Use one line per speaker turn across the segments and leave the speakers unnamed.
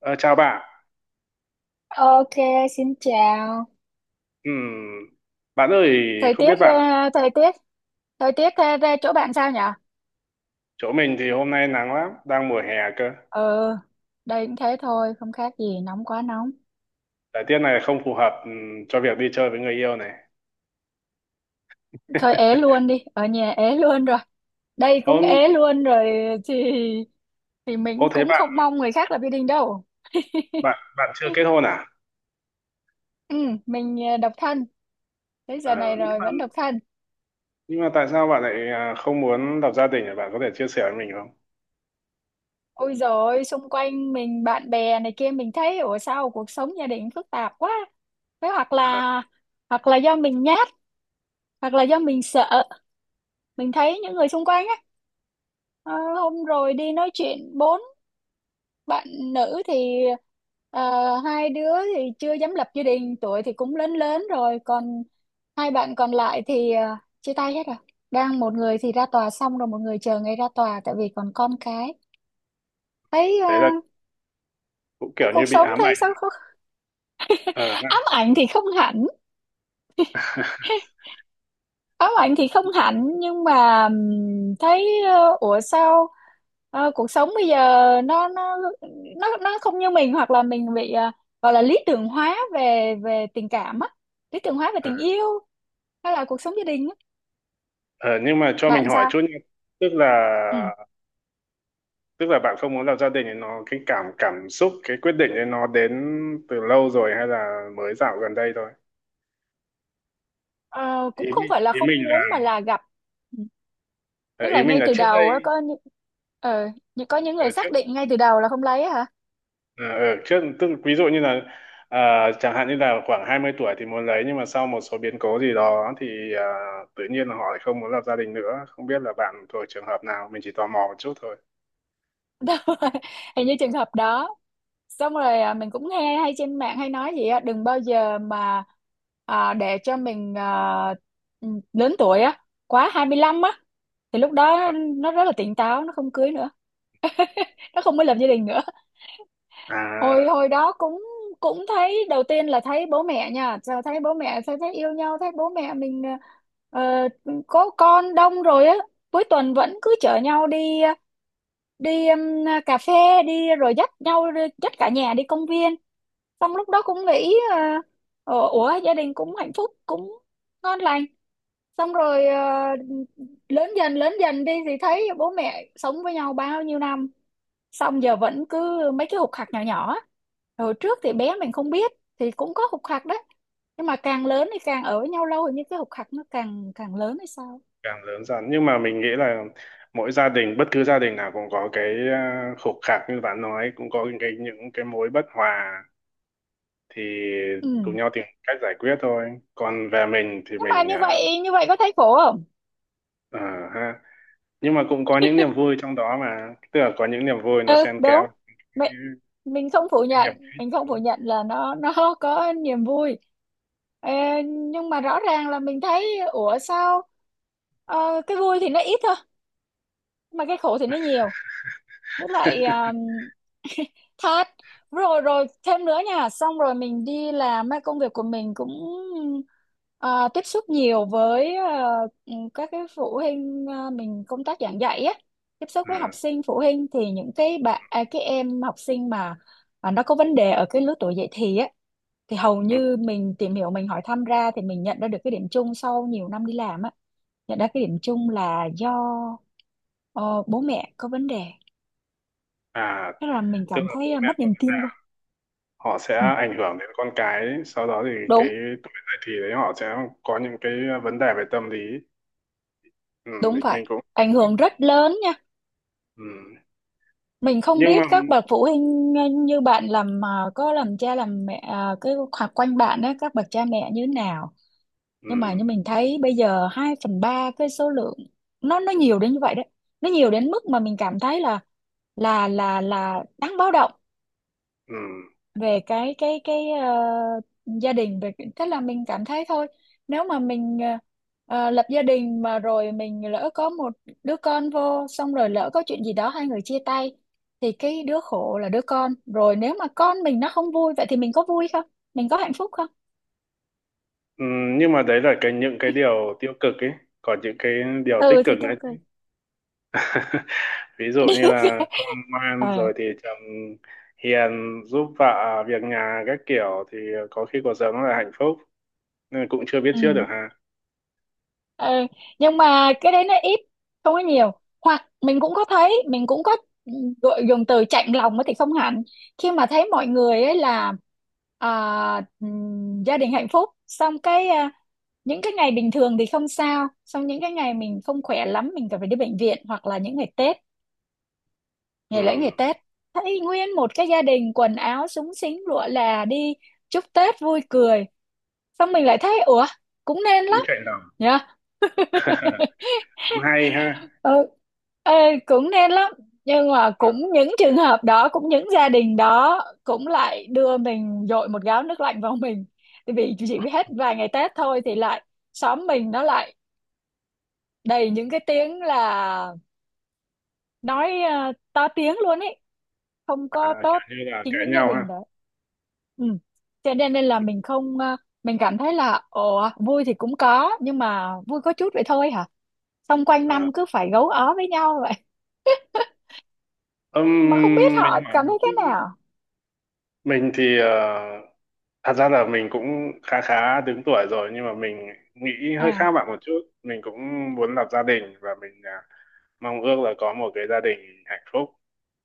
Ờ, Chào bạn.
Ok, xin chào.
Ừm, Bạn ơi,
Thời
không
tiết,
biết
ờ,
bạn,
thời tiết, thời tiết ờ, về chỗ bạn sao nhỉ?
chỗ mình thì hôm nay nắng lắm, đang mùa hè cơ.
Ừ, đây cũng thế thôi, không khác gì, nóng quá nóng.
Thời tiết này không phù hợp cho việc đi chơi với người yêu này.
Thôi ế luôn đi, ở nhà ế luôn rồi. Đây cũng
Ô,
ế luôn rồi, thì thì
ô,
mình cũng không mong người khác lập gia đình đâu.
bạn bạn chưa kết hôn à?
Ừ, mình độc thân, tới giờ
Ờ,
này
nhưng
rồi
mà,
vẫn độc thân.
nhưng mà tại sao bạn lại không muốn lập gia đình? Bạn có thể chia sẻ với mình không?
Ôi rồi, xung quanh mình bạn bè này kia mình thấy ủa sao cuộc sống gia đình phức tạp quá. Thế hoặc là do mình nhát, hoặc là do mình sợ, mình thấy những người xung quanh á, ờ, hôm rồi đi nói chuyện bốn bạn nữ thì hai đứa thì chưa dám lập gia đình, tuổi thì cũng lớn lớn rồi, còn hai bạn còn lại thì chia tay hết rồi, đang một người thì ra tòa xong rồi, một người chờ ngày ra tòa tại vì còn con cái. thấy ờ,
Đấy là cũng kiểu
thấy
như
cuộc
bị
sống
ám
thấy
ảnh.
sao không.
Ờ,
Ám ảnh thì không hẳn. Có bạn thì không hạnh, nhưng mà thấy ủa sao cuộc sống bây giờ nó nó nó không như mình, hoặc là mình bị gọi là lý tưởng hóa về về tình cảm á, lý tưởng hóa về tình yêu hay là cuộc sống gia đình á.
ờ, nhưng mà cho mình
Bạn
hỏi
sao?
chút nha. Tức là
Ừ.
tức là bạn không muốn lập gia đình ấy, nó cái cảm cảm xúc, cái quyết định ấy nó đến từ lâu rồi hay là mới dạo gần đây thôi?
Ờ, cũng
ý
không phải là
ý
không
mình là
muốn mà là gặp. Ừ.
ờ,
Tức
ý
là
mình
ngay
là
từ
trước đây.
đầu á ờ, có những
ở
người
trước
xác định ngay từ đầu là không lấy á hả?
ở trước tức là ví dụ như là chẳng hạn như là khoảng 20 tuổi thì muốn lấy, nhưng mà sau một số biến cố gì đó thì tự nhiên là họ lại không muốn lập gia đình nữa. Không biết là bạn thuộc trường hợp nào, mình chỉ tò mò một chút thôi.
Đúng rồi. Hình như trường hợp đó. Xong rồi à, mình cũng nghe hay trên mạng hay nói gì á, đừng bao giờ mà à, để cho mình à, ừ, lớn tuổi á, quá 25 á thì lúc
à
đó nó rất là tỉnh táo, nó không cưới nữa, nó không có lập gia đình nữa. hồi
à
hồi đó cũng cũng thấy đầu tiên là thấy bố mẹ nha. Sao thấy bố mẹ sao thấy yêu nhau, thấy bố mẹ mình à, ờ, có con đông rồi á, cuối tuần vẫn cứ chở nhau đi à, đi cà phê, đi rồi dắt cả nhà đi công viên. Xong lúc đó cũng nghĩ uh, ủa gia đình cũng hạnh phúc, cũng ngon lành. Xong rồi lớn dần đi thì thấy bố mẹ sống với nhau bao nhiêu năm, xong giờ vẫn cứ mấy cái khục khặc nhỏ nhỏ á. Hồi trước thì bé mình không biết, thì cũng có khục khặc đấy, nhưng mà càng lớn thì càng ở với nhau lâu thì như cái khục khặc nó càng càng lớn hay sao.
Càng lớn dần, nhưng mà mình nghĩ là mỗi gia đình, bất cứ gia đình nào cũng có cái khục khạc như bạn nói, cũng có những cái, mối bất hòa, thì cùng
Ừ,
nhau tìm cách giải quyết thôi. Còn về mình thì
nhưng mà
mình
như
à,
vậy, như vậy có thấy khổ.
à, ha nhưng mà cũng có những niềm vui trong đó mà, tức là có những niềm vui nó
Ừ
xen kẽ
đúng, mình mình không phủ
cái hiểm
nhận,
khích.
là nó có niềm vui. Ờ, nhưng mà rõ ràng là mình thấy ủa sao cái vui thì nó ít thôi, mà cái khổ thì nó nhiều. Với lại thát, rồi rồi thêm nữa nha. Xong rồi mình đi làm á, công việc của mình cũng ờ, tiếp xúc nhiều với các cái phụ huynh, mình công tác giảng dạy á, tiếp xúc
Ừ.
với học sinh phụ huynh, thì những cái bạn à, cái em học sinh mà nó có vấn đề ở cái lứa tuổi dậy thì á, thì hầu
Ừ.
như mình tìm hiểu, mình hỏi thăm ra, thì mình nhận ra được cái điểm chung sau nhiều năm đi làm á, nhận ra cái điểm chung là do ờ, bố mẹ có vấn đề.
À,
Thế là mình
tức
cảm
là bố
thấy à,
mẹ
mất
của
niềm tin
bạn
rồi.
họ sẽ
Ừ.
ảnh hưởng đến con cái, sau đó thì cái
Đúng,
tuổi dậy thì đấy họ sẽ có những cái vấn đề về tâm lý. Ừ,
đúng
mình
vậy.
mình cũng.
Ảnh hưởng rất lớn nha.
Ừ.
Mình không
nhưng
biết
mà
các bậc phụ huynh như bạn làm có làm cha làm mẹ ờ, cái hoặc quanh bạn á, các bậc cha mẹ như thế nào.
ừ,
Nhưng mà như mình thấy bây giờ 2/3 cái số lượng, nó nhiều đến như vậy đấy. Nó nhiều đến mức mà mình cảm thấy là là đáng báo động.
ừ,
Về cái gia đình, tức là mình cảm thấy thôi, nếu mà mình lập gia đình, mà rồi mình lỡ có một đứa con vô, xong rồi lỡ có chuyện gì đó hai người chia tay, thì cái đứa khổ là đứa con rồi. Nếu mà con mình nó không vui vậy, thì mình có vui không, mình có hạnh phúc không?
ừ, nhưng mà đấy là cái những cái điều tiêu cực ấy, còn những cái điều tích
Ừ thì
cực nữa
tiêu cực.
chứ. Ví dụ như là con ngoan
Ờ,
rồi thì chồng hiền, giúp vợ việc nhà các kiểu thì có khi cuộc sống là hạnh phúc, nên cũng chưa biết
ừ.
trước được ha.
Ờ, nhưng mà cái đấy nó ít, không có nhiều. Hoặc mình cũng có thấy, mình cũng có gọi dùng từ chạnh lòng thì không hẳn, khi mà thấy mọi người ấy là à, gia đình hạnh phúc, xong cái à, những cái ngày bình thường thì không sao, xong những cái ngày mình không khỏe lắm, mình cần phải đi bệnh viện, hoặc là những ngày Tết,
Ừ,
ngày lễ, ngày Tết, thấy nguyên một cái gia đình quần áo súng xính lụa là đi chúc Tết vui cười, xong mình lại thấy ủa, cũng nên
cũng
lắm
chạy lòng.
nhỉ.
Cũng hay ha.
Ừ. Ê, cũng nên lắm, nhưng mà cũng những trường hợp đó, cũng những gia đình đó cũng lại đưa mình dội một gáo nước lạnh vào mình, tại vì chỉ hết vài ngày Tết thôi thì lại, xóm mình nó lại đầy những cái tiếng là nói to tiếng luôn ấy, không có tốt,
Kiểu như là
chính
cãi
những gia
nhau ha.
đình đó. Ừ. Cho nên nên là, mình không ờ, mình cảm thấy là ồ vui thì cũng có, nhưng mà vui có chút vậy thôi hả, xong quanh
à,
năm cứ phải gấu ó với nhau vậy, mà không biết họ
mình hỏi
cảm
một
thấy
chút.
thế nào.
Mình thì thật ra là mình cũng khá khá đứng tuổi rồi, nhưng mà mình nghĩ hơi
À,
khác bạn một chút. Mình cũng muốn lập gia đình, và mình mong ước là có một cái gia đình hạnh phúc,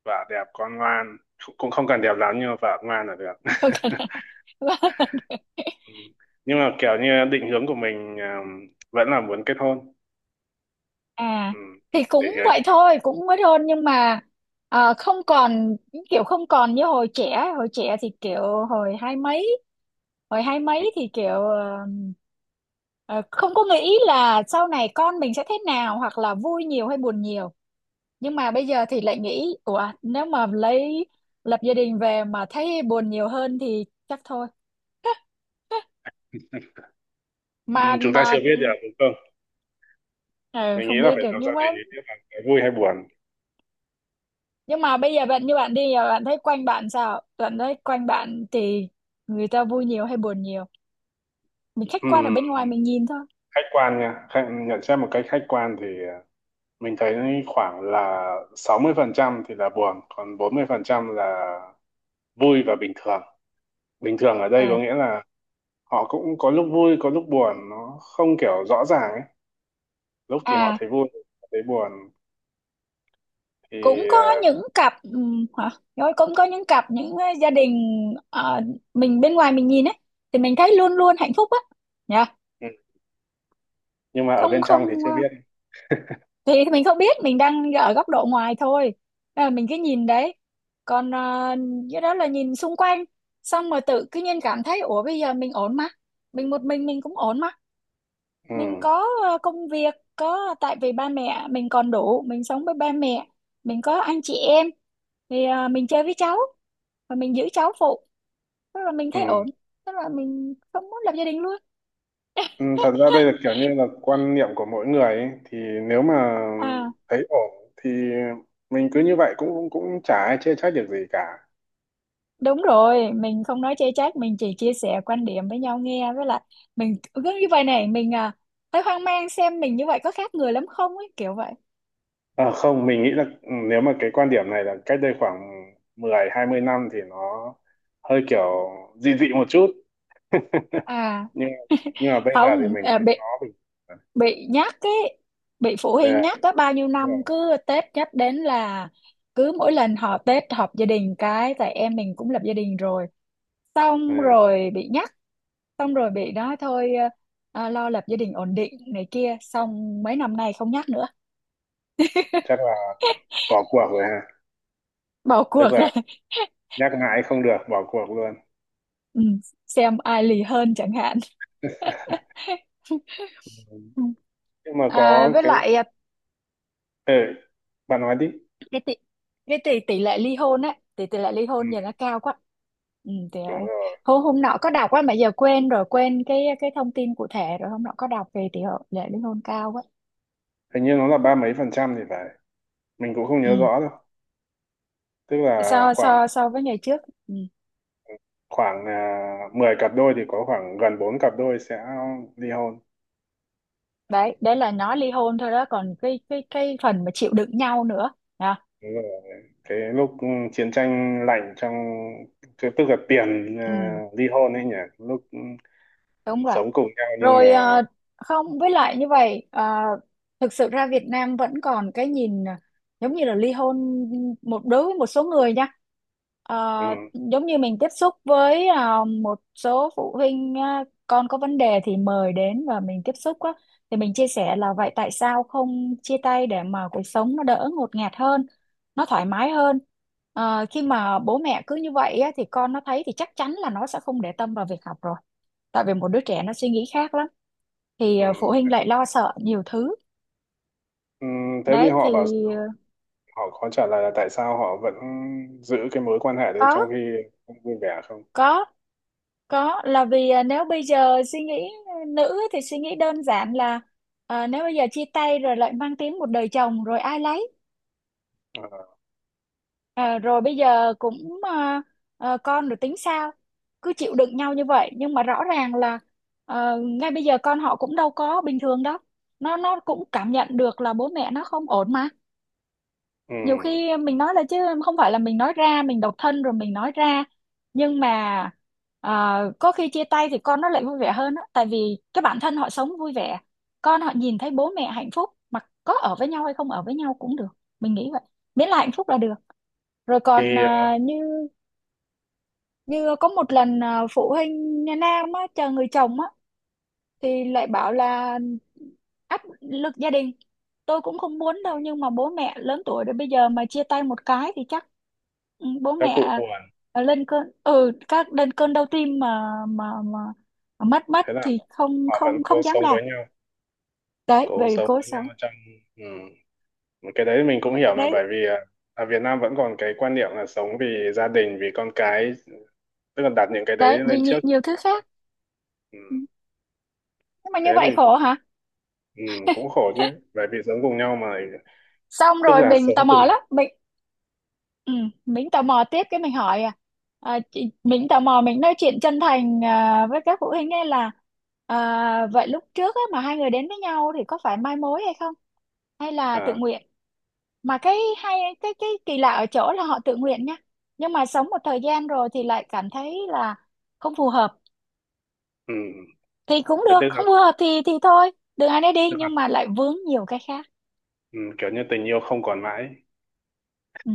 vợ đẹp, con ngoan, cũng không cần đẹp lắm nhưng mà vợ ngoan là được.
không cần.
Ừ. Nhưng mà kiểu như định hướng của mình vẫn là muốn kết hôn.
À
Ừ.
thì
Định
cũng
hướng.
vậy thôi, cũng mới hôn, nhưng mà không còn, kiểu không còn như hồi trẻ thì kiểu, hồi hai mấy, hồi hai
Ừ.
mấy thì kiểu ờ, không có nghĩ là sau này con mình sẽ thế nào, hoặc là vui nhiều hay buồn nhiều. Nhưng mà bây giờ thì lại nghĩ ủa, nếu mà lấy, lập gia đình về mà thấy buồn nhiều hơn thì chắc thôi.
Ừ,
mà
chúng ta
mà
chưa biết được
ừ.
đúng không?
Ờ,
Mình nghĩ
không
là
biết
phải
được,
lập gia
nhưng mà,
đình thì biết là cái vui hay buồn.
nhưng mà bây giờ bạn, như bạn đi, giờ bạn thấy quanh bạn sao, bạn thấy quanh bạn thì người ta vui nhiều hay buồn nhiều? Mình khách
Ừ,
quan ở
ừ, ừ.
bên ngoài mình nhìn thôi.
Khách quan nha, nhận xét một cách khách quan thì mình thấy khoảng là 60% thì là buồn, còn 40% là vui và bình thường. Bình thường ở đây có
à,
nghĩa là họ cũng có lúc vui có lúc buồn, nó không kiểu rõ ràng ấy, lúc thì họ
à
thấy vui, lúc thấy buồn thì
cũng có
ờ,
những cặp hả, rồi cũng có những cặp gia đình ờ, mình bên ngoài mình nhìn ấy, thì mình thấy luôn luôn hạnh phúc á, nhá.
ừ. Nhưng mà ở
Không,
bên
không,
trong thì chưa biết.
thì mình không biết, mình đang ở góc độ ngoài thôi, nên là mình cứ nhìn đấy. Còn cái đó là nhìn xung quanh, xong rồi tự cứ nhiên cảm thấy ủa bây giờ mình ổn mà, mình một mình cũng ổn mà,
Ừ.
mình có công việc, có, tại vì ba mẹ mình còn đủ, mình sống với ba mẹ, mình có anh chị em, thì mình chơi với cháu và mình giữ cháu phụ, tức là mình
Ừ,
thấy ổn, tức là mình không muốn lập gia đình luôn.
Ừ, thật ra đây là kiểu như là quan niệm của mỗi người ấy. Thì nếu mà
À,
thấy ổn thì mình cứ như vậy, cũng cũng cũng chả ai chê trách được gì cả.
đúng rồi, mình không nói chê trách, mình chỉ chia sẻ quan điểm với nhau nghe, với lại mình cứ như vậy này, mình à, thấy hoang mang, xem mình như vậy có khác người lắm không ấy, kiểu vậy.
À, không, mình nghĩ là nếu mà cái quan điểm này là cách đây khoảng 10-20 năm thì nó hơi kiểu dị dị một chút.
À,
Nhưng nhưng mà bây giờ thì
không,
mình
à,
thấy nó
bị
bình thường.
bị nhắc ấy, bị phụ
Ừ,
huynh nhắc có bao nhiêu
đúng
năm,
rồi.
cứ Tết nhắc đến là cứ mỗi lần họ Tết họp gia đình cái, tại em mình cũng lập gia đình rồi.
Ừ,
Xong rồi bị nhắc, xong rồi bị nói thôi à, lo lập gia đình ổn định này kia. Xong mấy năm nay không nhắc nữa,
chắc là bỏ cuộc rồi ha.
bỏ cuộc
Tức
rồi.
là nhắc mãi không được, bỏ cuộc luôn.
Ừ, xem ai lì hơn chẳng hạn.
Ừ.
Ừ.
Nhưng mà
À,
có
với
cái,
lại à,
ừ, bạn nói đi.
cái tỷ cái tỷ tỷ lệ ly hôn á, tỷ tỷ lệ ly
Ừ,
hôn giờ nó cao quá. Ừ, thì, à,
đúng rồi,
hôm hôm nọ có đọc á, mà giờ quên rồi, quên cái thông tin cụ thể rồi. Hôm nọ có đọc về tỷ lệ ly hôn cao quá.
hình như nó là ba mấy phần trăm thì phải, mình cũng không nhớ
Ừ.
rõ đâu. Tức là
so
khoảng
so so với ngày trước. Ừ.
khoảng là 10 cặp đôi thì có khoảng gần 4 cặp đôi sẽ ly hôn.
đấy đấy là nói ly hôn thôi đó, còn cái phần mà chịu đựng nhau nữa. Đó.
Đúng rồi. Cái lúc chiến tranh lạnh trong tức là tiền
Ừ,
ly hôn ấy nhỉ, lúc
đúng rồi.
sống cùng nhau nhưng
Rồi
mà.
không, với lại như vậy thực sự ra Việt Nam vẫn còn cái nhìn giống như là ly hôn một, đối với một số người nha.
ừ,
Ờ, giống như mình tiếp xúc với một số phụ huynh con có vấn đề thì mời đến và mình tiếp xúc á, thì mình chia sẻ là vậy tại sao không chia tay để mà cuộc sống nó đỡ ngột ngạt hơn, nó thoải mái hơn. Ờ, khi mà bố mẹ cứ như vậy á, thì con nó thấy thì chắc chắn là nó sẽ không để tâm vào việc học rồi, tại vì một đứa trẻ nó suy nghĩ khác lắm, thì
ừ,
phụ huynh lại lo sợ nhiều thứ.
ừ, Thế thì
Đấy
họ
thì
bảo sao?
ờ,
Họ có trả lời là tại sao họ vẫn giữ cái mối quan hệ đấy
có
trong khi không vui vẻ không?
có có là vì nếu bây giờ suy nghĩ nữ thì suy nghĩ đơn giản là nếu bây giờ chia tay rồi lại mang tiếng một đời chồng rồi ai lấy.
Ờ,
Ờ, rồi bây giờ cũng con rồi tính sao, cứ chịu đựng nhau như vậy. Nhưng mà rõ ràng là ngay bây giờ con họ cũng đâu có bình thường đâu, nó cũng cảm nhận được là bố mẹ nó không ổn mà.
ừ.
Nhiều khi mình nói là, chứ không phải là mình nói ra mình độc thân rồi mình nói ra, nhưng mà có khi chia tay thì con nó lại vui vẻ hơn á, tại vì cái bản thân họ sống vui vẻ, con họ nhìn thấy bố mẹ hạnh phúc, mà có ở với nhau hay không ở với nhau cũng được, mình nghĩ vậy, miễn là hạnh phúc là được. Rồi còn
Khi
như, như có một lần phụ huynh Nam á, chờ người chồng á, thì lại bảo là áp lực gia đình, tôi cũng không muốn đâu, nhưng mà bố mẹ lớn tuổi rồi, bây giờ mà chia tay một cái thì chắc ừ, bố
các cụ
mẹ
buồn
lên cơn, ừ, các lên cơn đau tim, mà mất mất
thế nào?
thì không
Họ vẫn
không
cố
không dám
sống
làm.
với nhau,
Đấy
cố
về
sống
cố
với
sống.
nhau trong. Ừ, cái đấy mình cũng hiểu mà,
đấy
bởi vì ở Việt Nam vẫn còn cái quan niệm là sống vì gia đình, vì con cái, tức là đặt những cái đấy
đấy vì
lên trước.
nhiều thứ khác.
Ừ.
Ừ. Nhưng mà
Thế
như vậy
thì
khổ hả?
ừ, cũng khổ chứ, bởi vì sống cùng nhau mà,
Xong
tức
rồi
là
mình
sống
tò
cùng.
mò lắm, ừ, mình tò mò tiếp, cái mình hỏi à, à chị, mình tò mò mình nói chuyện chân thành à, với các phụ huynh ấy là à, vậy lúc trước á, mà hai người đến với nhau thì có phải mai mối hay không, hay là tự
à
nguyện. Mà cái hay, cái kỳ lạ ở chỗ là họ tự nguyện nha, nhưng mà sống một thời gian rồi thì lại cảm thấy là không phù hợp.
ừ.
Thì cũng
Thế
được,
tức là,
không phù hợp thì thôi, đường ai nấy đi,
tức là
nhưng mà lại vướng nhiều cái khác.
ừ, kiểu như tình yêu không còn mãi,
Ừ.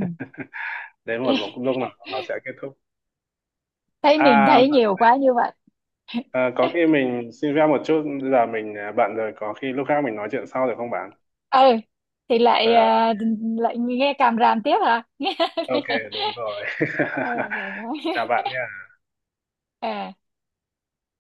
đến một lúc, lúc nào nó sẽ kết thúc.
Thấy mình
à,
thấy nhiều quá như vậy.
có khi mình xin phép một chút, giờ mình bận rồi, có khi lúc khác mình nói chuyện sau được không bạn?
Ừ thì lại
Ờ,
à, lại nghe càm ràm tiếp hả. Nghe.
ok, đúng rồi.
Ừ, rồi đó.
Chào bạn nhé.
À